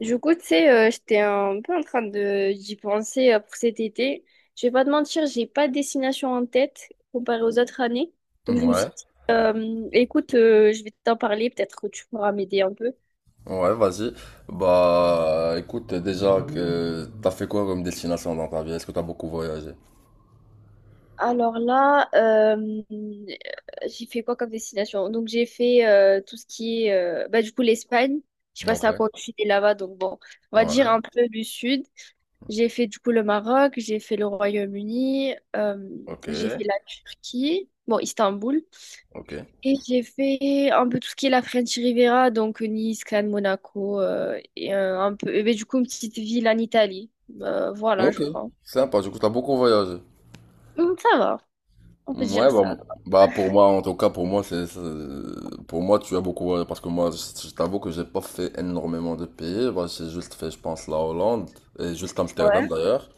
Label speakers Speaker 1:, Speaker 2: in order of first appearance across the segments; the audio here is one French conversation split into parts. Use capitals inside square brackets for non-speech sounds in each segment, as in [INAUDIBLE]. Speaker 1: Du coup, tu sais, j'étais un peu en train de d'y penser pour cet été. Je vais pas te mentir, j'ai pas de destination en tête comparée aux autres années. Donc je me suis
Speaker 2: Ouais,
Speaker 1: dit, écoute, je vais t'en parler, peut-être que tu pourras m'aider un peu.
Speaker 2: ouais, vas-y. Bah, écoute, déjà que t'as fait quoi comme destination dans ta vie? Est-ce que t'as beaucoup voyagé?
Speaker 1: Alors là, euh, j'ai fait quoi comme destination? Donc j'ai fait tout ce qui est, bah du coup l'Espagne. Je sais pas c'est
Speaker 2: Ok.
Speaker 1: à quoi tu es là-bas, donc bon, on va dire
Speaker 2: Ouais,
Speaker 1: un peu du sud. J'ai fait du coup le Maroc, j'ai fait le Royaume-Uni,
Speaker 2: ok,
Speaker 1: j'ai fait la Turquie, bon, Istanbul,
Speaker 2: ok,
Speaker 1: et j'ai fait un peu tout ce qui est la French Riviera, donc Nice, Cannes, Monaco, et un peu, et ben, du coup, une petite ville en Italie. Voilà,
Speaker 2: ok.
Speaker 1: je crois.
Speaker 2: Sympa, du coup, t'as beaucoup voyagé.
Speaker 1: Ça va, on peut dire
Speaker 2: Ouais,
Speaker 1: ça.
Speaker 2: bah, pour moi, en tout cas, pour moi, pour moi, tu as beaucoup voyagé parce que je t'avoue que j'ai pas fait énormément de pays. Bah, j'ai juste fait, je pense, la Hollande et juste Amsterdam
Speaker 1: Ouais,
Speaker 2: d'ailleurs.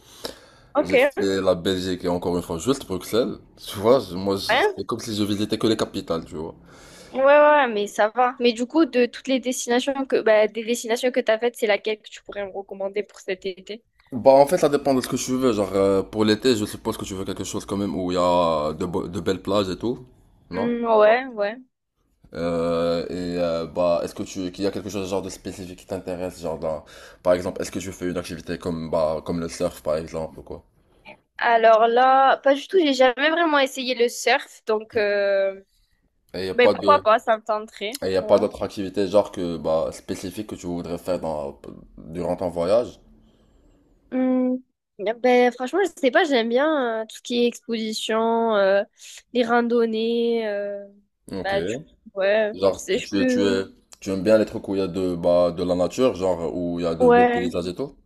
Speaker 1: ok,
Speaker 2: J'ai
Speaker 1: ouais.
Speaker 2: fait la Belgique et encore une fois, juste Bruxelles. Tu vois, c'est comme si je visitais que les capitales, tu vois.
Speaker 1: Ouais, ouais, mais ça va. Mais du coup, de toutes les destinations que, bah, des destinations que tu as faites, c'est laquelle que tu pourrais me recommander pour cet été?
Speaker 2: Bah en fait ça dépend de ce que tu veux, genre pour l'été je suppose que tu veux quelque chose quand même où il y a de, de belles plages et tout, non?
Speaker 1: Ouais, ouais.
Speaker 2: Et bah est-ce que tu qu'il y a quelque chose genre de spécifique qui t'intéresse, par exemple est-ce que tu fais une activité comme bah comme le surf par exemple ou quoi?
Speaker 1: Alors là, pas du tout, j'ai jamais vraiment essayé le surf, donc
Speaker 2: Et il y a
Speaker 1: ben
Speaker 2: pas
Speaker 1: pourquoi
Speaker 2: de
Speaker 1: pas, ça me tenterait.
Speaker 2: et y a
Speaker 1: Ouais.
Speaker 2: pas d'autre activité genre que bah spécifique que tu voudrais faire dans durant ton voyage?
Speaker 1: Hmm, ben franchement, je sais pas, j'aime bien tout ce qui est exposition, les randonnées,
Speaker 2: Ok.
Speaker 1: bah du coup, ouais, tu
Speaker 2: Genre
Speaker 1: sais,
Speaker 2: tu,
Speaker 1: je
Speaker 2: tu es tu
Speaker 1: peux.
Speaker 2: es tu aimes bien les trucs où il y a de bah de la nature, genre où il y a de beaux
Speaker 1: Ouais.
Speaker 2: paysages et tout?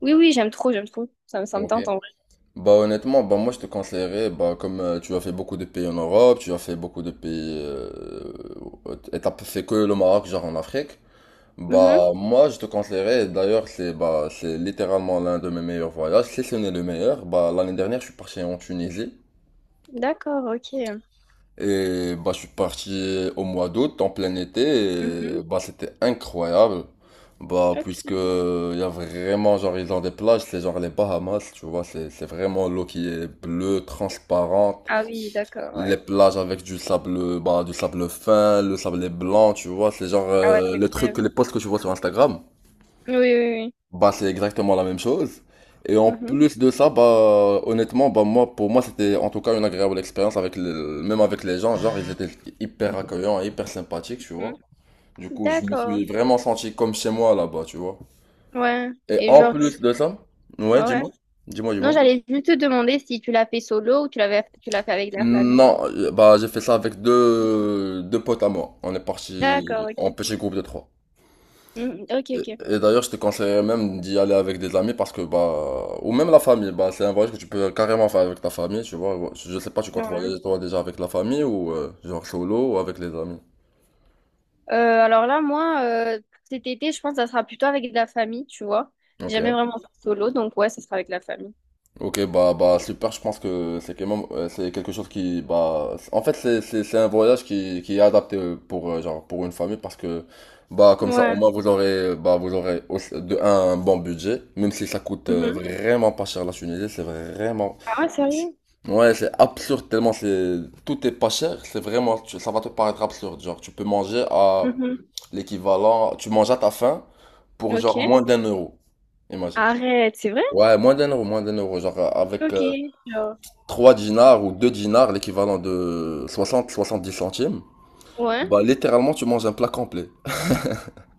Speaker 1: Oui, oui, j'aime trop, j'aime trop. Ça me
Speaker 2: Ok.
Speaker 1: tente en vrai.
Speaker 2: Bah honnêtement, bah moi je te conseillerais, bah comme tu as fait beaucoup de pays en Europe, tu as fait beaucoup de pays, et t'as pas fait que le Maroc genre en Afrique,
Speaker 1: Mhm.
Speaker 2: bah moi je te conseillerais, et d'ailleurs c'est bah c'est littéralement l'un de mes meilleurs voyages, si ce n'est le meilleur, bah l'année dernière je suis parti en Tunisie,
Speaker 1: D'accord, ok.
Speaker 2: et bah, je suis parti au mois d'août, en plein été, et
Speaker 1: Mhm.
Speaker 2: bah, c'était incroyable. Bah, puisque
Speaker 1: Ok.
Speaker 2: il y a vraiment, genre, ils ont des plages, c'est genre les Bahamas, tu vois, c'est vraiment l'eau qui est bleue, transparente.
Speaker 1: Ah oui, d'accord,
Speaker 2: Les
Speaker 1: ouais.
Speaker 2: plages avec du sable, bah, du sable fin, le sable est blanc, tu vois, c'est genre
Speaker 1: Ah ouais, c'est
Speaker 2: le truc,
Speaker 1: incroyable.
Speaker 2: les posts que tu vois sur Instagram.
Speaker 1: Oui, oui,
Speaker 2: Bah, c'est exactement la même chose. Et en
Speaker 1: oui. Mhm.
Speaker 2: plus de ça, bah, honnêtement, bah, moi, pour moi, c'était en tout cas une agréable expérience avec le, même avec les gens. Genre, ils étaient hyper accueillants, et hyper sympathiques, tu vois.
Speaker 1: Mhm.
Speaker 2: Du coup, je me
Speaker 1: D'accord.
Speaker 2: suis vraiment senti comme chez moi là-bas, tu vois.
Speaker 1: Ouais.
Speaker 2: Et
Speaker 1: Et
Speaker 2: en
Speaker 1: genre, tu...
Speaker 2: plus de ça, ouais,
Speaker 1: ouais, ouais. Non,
Speaker 2: dis-moi.
Speaker 1: j'allais juste te demander si tu l'as fait solo ou tu l'as fait avec la famille.
Speaker 2: Non, bah, j'ai fait ça avec deux potes à moi. On est
Speaker 1: D'accord,
Speaker 2: parti en
Speaker 1: ok.
Speaker 2: petit groupe de trois.
Speaker 1: Mhm, ok, ok.
Speaker 2: Et d'ailleurs, je te conseillerais même d'y aller avec des amis parce que, bah, ou même la famille, bah, c'est un voyage que tu peux carrément faire avec ta famille, tu vois. Je sais pas, tu comptes
Speaker 1: Ouais.
Speaker 2: voyager toi déjà avec la famille ou genre solo ou avec les amis.
Speaker 1: Euh, alors là, moi, cet été, je pense que ça sera plutôt avec la famille, tu vois. J'ai
Speaker 2: Ok.
Speaker 1: jamais vraiment fait solo, donc ouais, ça sera avec la famille.
Speaker 2: Ok, bah, super, je pense que c'est quand même, c'est quelque chose qui, bah, en fait, c'est un voyage qui est adapté pour, genre, pour une famille parce que, bah, comme ça,
Speaker 1: Ouais.
Speaker 2: au moins, vous aurez, bah, de un bon budget, même si ça coûte
Speaker 1: Mhm.
Speaker 2: vraiment pas cher la Tunisie, c'est vraiment,
Speaker 1: Ah ouais, sérieux?
Speaker 2: ouais, c'est absurde tellement c'est, tout est pas cher, ça va te paraître absurde, genre, tu peux manger à
Speaker 1: Mhm.
Speaker 2: l'équivalent, tu manges à ta faim pour, genre,
Speaker 1: Ok.
Speaker 2: moins d'un euro, imagine.
Speaker 1: Arrête, c'est vrai?
Speaker 2: Ouais, moins d'un euro. Genre avec
Speaker 1: Ok. Genre.
Speaker 2: 3 dinars ou 2 dinars, l'équivalent de 70 centimes,
Speaker 1: Ouais.
Speaker 2: bah littéralement tu manges un plat complet.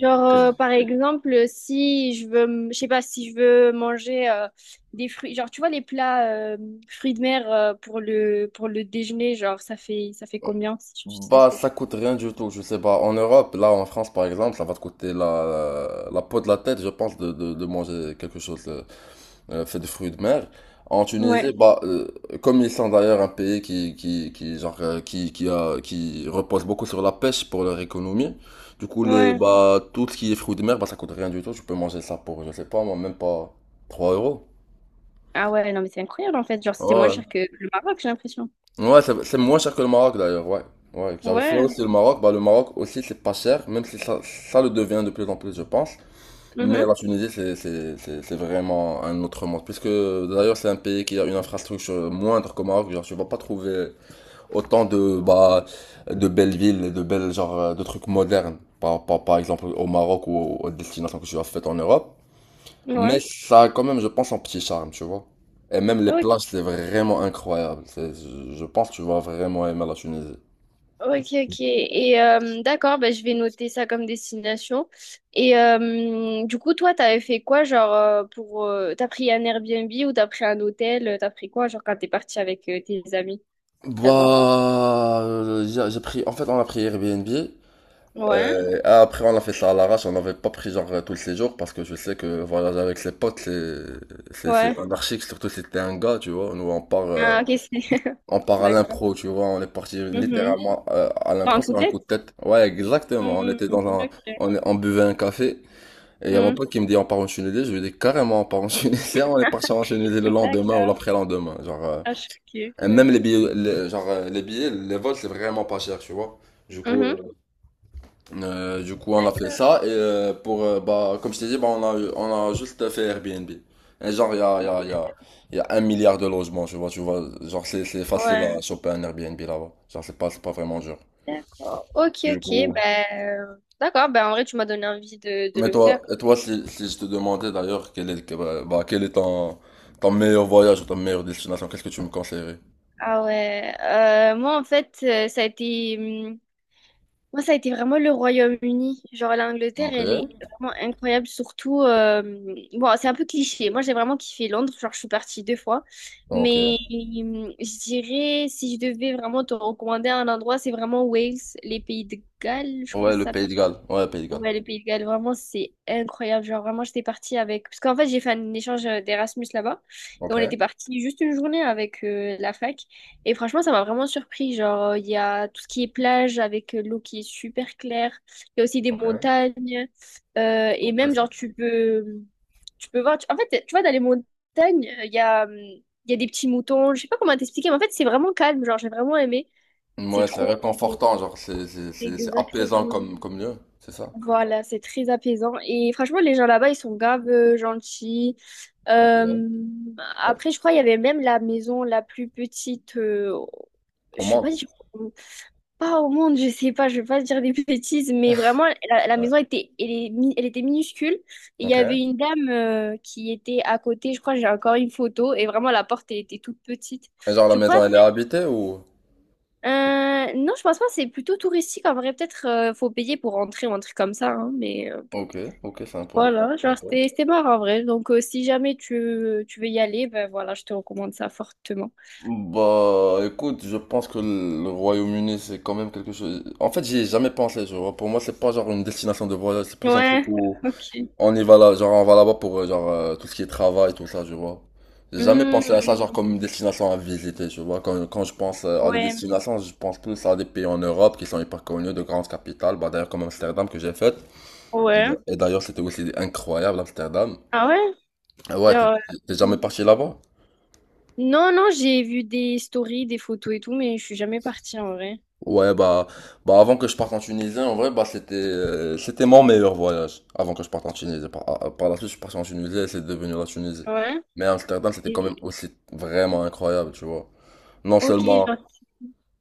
Speaker 1: Genre, par exemple, si je veux, je sais pas, si je veux manger des fruits, genre, tu vois, les plats fruits de mer pour le déjeuner, genre, ça fait combien, si tu sais?
Speaker 2: Bah ça coûte rien du tout, je sais pas. En Europe, là en France par exemple, ça va te coûter la peau de la tête, je pense, de manger quelque chose. Fait de fruits de mer. En Tunisie,
Speaker 1: Ouais,
Speaker 2: bah, comme ils sont d'ailleurs un pays qui, genre, qui, qui repose beaucoup sur la pêche pour leur économie, du coup, les,
Speaker 1: ouais.
Speaker 2: bah, tout ce qui est fruits de mer, bah, ça coûte rien du tout. Tu peux manger ça pour, je sais pas, moi, même pas 3 euros.
Speaker 1: Ah ouais, non, mais c'est incroyable, en fait. Genre, c'est moins
Speaker 2: Ouais,
Speaker 1: cher que le Maroc, j'ai l'impression.
Speaker 2: ouais, c'est moins cher que le Maroc d'ailleurs, ouais. Ouais, j'avais fait
Speaker 1: Ouais.
Speaker 2: aussi le Maroc. Bah, le Maroc aussi, c'est pas cher, même si ça le devient de plus en plus, je pense. Mais
Speaker 1: Mhm.
Speaker 2: la Tunisie, c'est vraiment un autre monde. Puisque d'ailleurs, c'est un pays qui a une infrastructure moindre qu'au Maroc. Genre, tu vas pas trouver autant de, bah, de belles villes, et de belles, genre, de trucs modernes. Par exemple, au Maroc ou aux destinations que tu as faites en Europe.
Speaker 1: Ouais.
Speaker 2: Mais ça a quand même, je pense, un petit charme, tu vois. Et même les
Speaker 1: Ok.
Speaker 2: plages, c'est vraiment incroyable. Je pense que tu vas vraiment aimer la Tunisie.
Speaker 1: Ok, ok. Et d'accord, bah, je vais noter ça comme destination. Et du coup, toi, t'avais fait quoi, genre, pour... t'as pris un Airbnb ou t'as pris un hôtel? T'as pris quoi, genre, quand t'es parti avec tes amis là-bas?
Speaker 2: Bah, j'ai pris, en fait, on a pris Airbnb.
Speaker 1: Ouais,
Speaker 2: Après, on a fait ça à l'arrache, on n'avait pas pris genre tous les jours parce que je sais que voyager avec ses potes, c'est
Speaker 1: ouais.
Speaker 2: anarchique, surtout si t'es un gars, tu vois. Nous,
Speaker 1: Ah, ok, c'est... [LAUGHS]
Speaker 2: on part à
Speaker 1: D'accord.
Speaker 2: l'impro, tu vois. On est parti
Speaker 1: Mhm.
Speaker 2: littéralement à
Speaker 1: Sur
Speaker 2: l'impro
Speaker 1: un coup
Speaker 2: sur
Speaker 1: de
Speaker 2: un coup
Speaker 1: tête?
Speaker 2: de tête. Ouais, exactement.
Speaker 1: Mhm. Ok.
Speaker 2: On buvait un café et il y a mon
Speaker 1: Mhm.
Speaker 2: pote qui me dit on part en Tunisie. Je lui dis carrément on part en Tunisie. [LAUGHS] On est parti en Tunisie le lendemain ou
Speaker 1: D'accord.
Speaker 2: l'après-lendemain. Genre,
Speaker 1: Ah, je suis ok.
Speaker 2: et même les
Speaker 1: Ok.
Speaker 2: billets, genre les billets, les vols, c'est vraiment pas cher, tu vois. Du coup,
Speaker 1: Mhm.
Speaker 2: euh, du coup, on a fait
Speaker 1: D'accord.
Speaker 2: ça et pour bah comme je t'ai dit, bah, on a juste fait Airbnb. Et genre il y a il y a il y a il y a 1 milliard de logements, tu vois, genre c'est facile
Speaker 1: Ouais.
Speaker 2: à choper un Airbnb là-bas. Genre c'est pas vraiment dur.
Speaker 1: D'accord. Ok,
Speaker 2: Du
Speaker 1: ok.
Speaker 2: coup,
Speaker 1: Ben, d'accord. Ben, en vrai, tu m'as donné envie de
Speaker 2: mais
Speaker 1: le faire.
Speaker 2: toi si si je te demandais d'ailleurs bah, bah, quel est ton meilleur voyage ou ta meilleure destination, qu'est-ce que tu me conseillerais?
Speaker 1: Ah ouais, moi en fait, ça a été, hum, moi ça a été vraiment le Royaume-Uni. Genre l'Angleterre,
Speaker 2: Ok,
Speaker 1: elle est vraiment incroyable, surtout, bon, c'est un peu cliché. Moi j'ai vraiment kiffé Londres, genre je suis partie deux fois, mais
Speaker 2: ok.
Speaker 1: je dirais si je devais vraiment te recommander un endroit, c'est vraiment Wales, les pays de Galles, je crois
Speaker 2: Ouais, le
Speaker 1: ça.
Speaker 2: Pays de Galles. Ouais, Pays de Galles.
Speaker 1: Ouais, le Pays de Galles, vraiment, c'est incroyable. Genre, vraiment, j'étais partie avec... Parce qu'en fait, j'ai fait un échange d'Erasmus là-bas. Et
Speaker 2: Ok,
Speaker 1: on était parti juste une journée avec la fac. Et franchement, ça m'a vraiment surpris. Genre, il y a tout ce qui est plage avec l'eau qui est super claire. Il y a aussi des
Speaker 2: ok,
Speaker 1: montagnes. Et même,
Speaker 2: ok,
Speaker 1: genre, tu peux... En fait, tu vois, dans les montagnes, il y a des petits moutons. Je sais pas comment t'expliquer, mais en fait, c'est vraiment calme. Genre, j'ai vraiment aimé. C'est
Speaker 2: ouais, c'est
Speaker 1: trop...
Speaker 2: réconfortant, genre, c'est apaisant
Speaker 1: Exactement.
Speaker 2: comme, comme lieu, c'est ça?
Speaker 1: Voilà, c'est très apaisant. Et franchement, les gens là-bas, ils sont grave gentils.
Speaker 2: Ok.
Speaker 1: Euh,
Speaker 2: Ouais.
Speaker 1: Après, je crois qu'il y avait même la maison la plus petite. Je
Speaker 2: On
Speaker 1: sais
Speaker 2: monte.
Speaker 1: pas si pas au monde, je sais pas, je vais pas dire des [LAUGHS] bêtises, mais vraiment, la
Speaker 2: Ouais.
Speaker 1: maison était, elle était minuscule. Et il y
Speaker 2: Ok.
Speaker 1: avait une dame qui était à côté. Je crois j'ai encore une photo. Et vraiment, la porte, elle était toute petite.
Speaker 2: Et genre, la
Speaker 1: Je crois.
Speaker 2: maison, elle est habitée ou?
Speaker 1: Non, je pense pas. C'est plutôt touristique en vrai. Peut-être faut payer pour rentrer ou un truc comme ça, hein, mais.
Speaker 2: Ok, ok, sympa.
Speaker 1: Voilà, genre
Speaker 2: Sympa.
Speaker 1: c'était marrant en vrai. Donc si jamais tu, tu veux y aller, ben voilà, je te recommande ça fortement.
Speaker 2: Bah, écoute, je pense que le Royaume-Uni, c'est quand même quelque chose. En fait, j'y ai jamais pensé, je vois. Pour moi, c'est pas genre une destination de voyage, c'est plus un truc
Speaker 1: Ouais,
Speaker 2: où.
Speaker 1: ok.
Speaker 2: On y va là, genre on va là-bas pour genre tout ce qui est travail, tout ça, tu vois. J'ai jamais
Speaker 1: Hmm,
Speaker 2: pensé à ça genre comme
Speaker 1: ok.
Speaker 2: une destination à visiter, tu vois. Quand je pense à des
Speaker 1: Ouais,
Speaker 2: destinations, je pense plus à des pays en Europe qui sont hyper connus, de grandes capitales. Bah d'ailleurs comme Amsterdam que j'ai faite. Et d'a-
Speaker 1: ouais.
Speaker 2: et d'ailleurs c'était aussi incroyable Amsterdam.
Speaker 1: Ah ouais?
Speaker 2: Ah ouais,
Speaker 1: Genre
Speaker 2: t'es jamais
Speaker 1: euh,
Speaker 2: parti là-bas?
Speaker 1: non, non, j'ai vu des stories, des photos et tout, mais je suis jamais partie en vrai.
Speaker 2: Ouais, bah avant que je parte en Tunisie, en vrai, bah c'était c'était mon meilleur voyage avant que je parte en Tunisie. Par la suite, je suis parti en Tunisie et c'est devenu la Tunisie.
Speaker 1: Ouais.
Speaker 2: Mais Amsterdam, c'était quand même
Speaker 1: Et-
Speaker 2: aussi vraiment incroyable, tu vois. Non
Speaker 1: ok,
Speaker 2: seulement,
Speaker 1: genre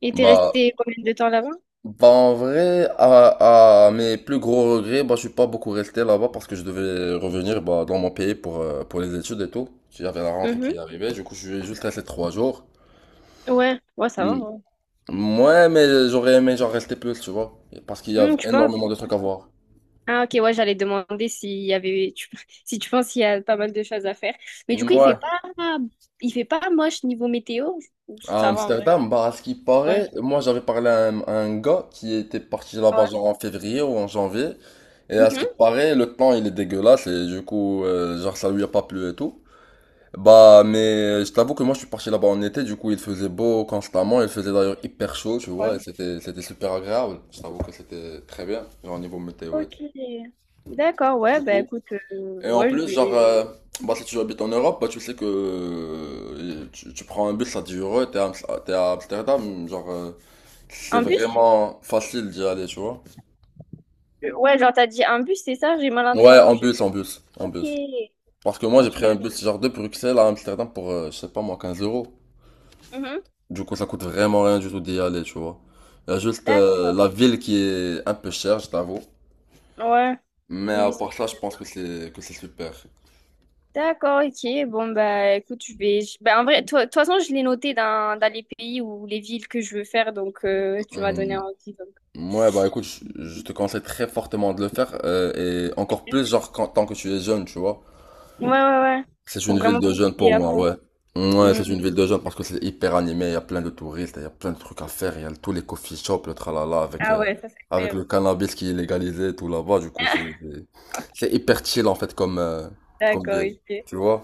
Speaker 1: et t'es
Speaker 2: bah,
Speaker 1: resté combien de temps là-bas?
Speaker 2: bah en vrai, à mes plus gros regrets, bah je suis pas beaucoup resté là-bas parce que je devais revenir bah, dans mon pays pour les études et tout. J'avais la rentrée qui
Speaker 1: Mhm.
Speaker 2: arrivait, du coup je suis juste resté 3 jours.
Speaker 1: Ouais, ouais, ça va, ouais.
Speaker 2: Mm. Ouais, mais j'aurais aimé genre rester plus, tu vois. Parce qu'il y a
Speaker 1: Hmm, tu penses?
Speaker 2: énormément de trucs à voir.
Speaker 1: Ah ok, ouais, j'allais demander s'il y avait, [LAUGHS] si tu penses qu'il y a pas mal de choses à faire. Mais du coup,
Speaker 2: Ouais.
Speaker 1: il fait pas moche niveau météo, ou
Speaker 2: À
Speaker 1: ça va en vrai.
Speaker 2: Amsterdam, bah, à ce qui
Speaker 1: Ouais.
Speaker 2: paraît, moi j'avais parlé à à un gars qui était parti là-bas
Speaker 1: Ouais.
Speaker 2: genre en février ou en janvier. Et à ce qui
Speaker 1: Mhm.
Speaker 2: paraît, le temps il est dégueulasse et du coup, genre ça lui a pas plu et tout. Bah, mais je t'avoue que moi je suis parti là-bas en été, du coup il faisait beau constamment, il faisait d'ailleurs hyper chaud, tu vois, et
Speaker 1: Ouais.
Speaker 2: c'était super agréable. Je t'avoue que c'était très bien, genre au niveau météo et
Speaker 1: Ok.
Speaker 2: tout.
Speaker 1: D'accord, ouais,
Speaker 2: Du
Speaker 1: bah
Speaker 2: coup,
Speaker 1: écoute,
Speaker 2: et en
Speaker 1: ouais, je
Speaker 2: plus, genre,
Speaker 1: vais...
Speaker 2: bah, si tu habites en Europe, bah, tu sais que tu prends un bus à 10 euros, t'es à Amsterdam, genre, c'est
Speaker 1: Un bus?
Speaker 2: vraiment facile d'y aller, tu vois.
Speaker 1: Ouais, genre t'as dit un bus, c'est ça? J'ai mal
Speaker 2: Ouais,
Speaker 1: entendu.
Speaker 2: en
Speaker 1: Ok,
Speaker 2: bus. Parce que moi, j'ai pris un
Speaker 1: ok.
Speaker 2: bus, genre, de Bruxelles à Amsterdam pour, je sais pas moi, 15 euros.
Speaker 1: Mhm.
Speaker 2: Du coup, ça coûte vraiment rien du tout d'y aller, tu vois. Il y a juste
Speaker 1: D'accord,
Speaker 2: la ville qui est un peu chère, je t'avoue.
Speaker 1: ouais.
Speaker 2: Mais
Speaker 1: Oui,
Speaker 2: à
Speaker 1: oui,
Speaker 2: part ça, je pense que c'est super.
Speaker 1: d'accord, ok. Bon, bah écoute, bah, en vrai, de toute façon, je l'ai noté dans, dans les pays ou les villes que je veux faire, donc tu m'as donné
Speaker 2: Hmm,
Speaker 1: envie. Donc.
Speaker 2: ouais, bah écoute, je te conseille très fortement de le faire, et encore plus, genre, tant que tu es jeune, tu vois.
Speaker 1: Ouais, ouais, ouais.
Speaker 2: C'est
Speaker 1: Pour
Speaker 2: une ville
Speaker 1: vraiment
Speaker 2: de jeunes
Speaker 1: profiter
Speaker 2: pour
Speaker 1: à
Speaker 2: moi,
Speaker 1: fond.
Speaker 2: ouais. Ouais,
Speaker 1: Hmm.
Speaker 2: c'est une ville de jeunes parce que c'est hyper animé, il y a plein de touristes, il y a plein de trucs à faire, il y a tous les coffee shops, le tralala, avec,
Speaker 1: Ah ouais, ça c'est
Speaker 2: avec le
Speaker 1: incroyable.
Speaker 2: cannabis qui est légalisé, tout là-bas, du coup, c'est hyper chill, en fait, comme, comme
Speaker 1: D'accord,
Speaker 2: ville,
Speaker 1: ok.
Speaker 2: tu vois.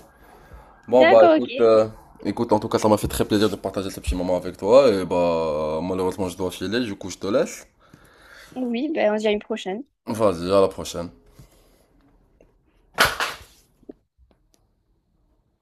Speaker 2: Bon,
Speaker 1: D'accord, ok.
Speaker 2: écoute, en tout cas, ça m'a fait très plaisir de partager ce petit moment avec toi, et bah, malheureusement, je dois filer, du coup, je te laisse.
Speaker 1: Oui, ben on se dit à une prochaine.
Speaker 2: Vas-y, à la prochaine.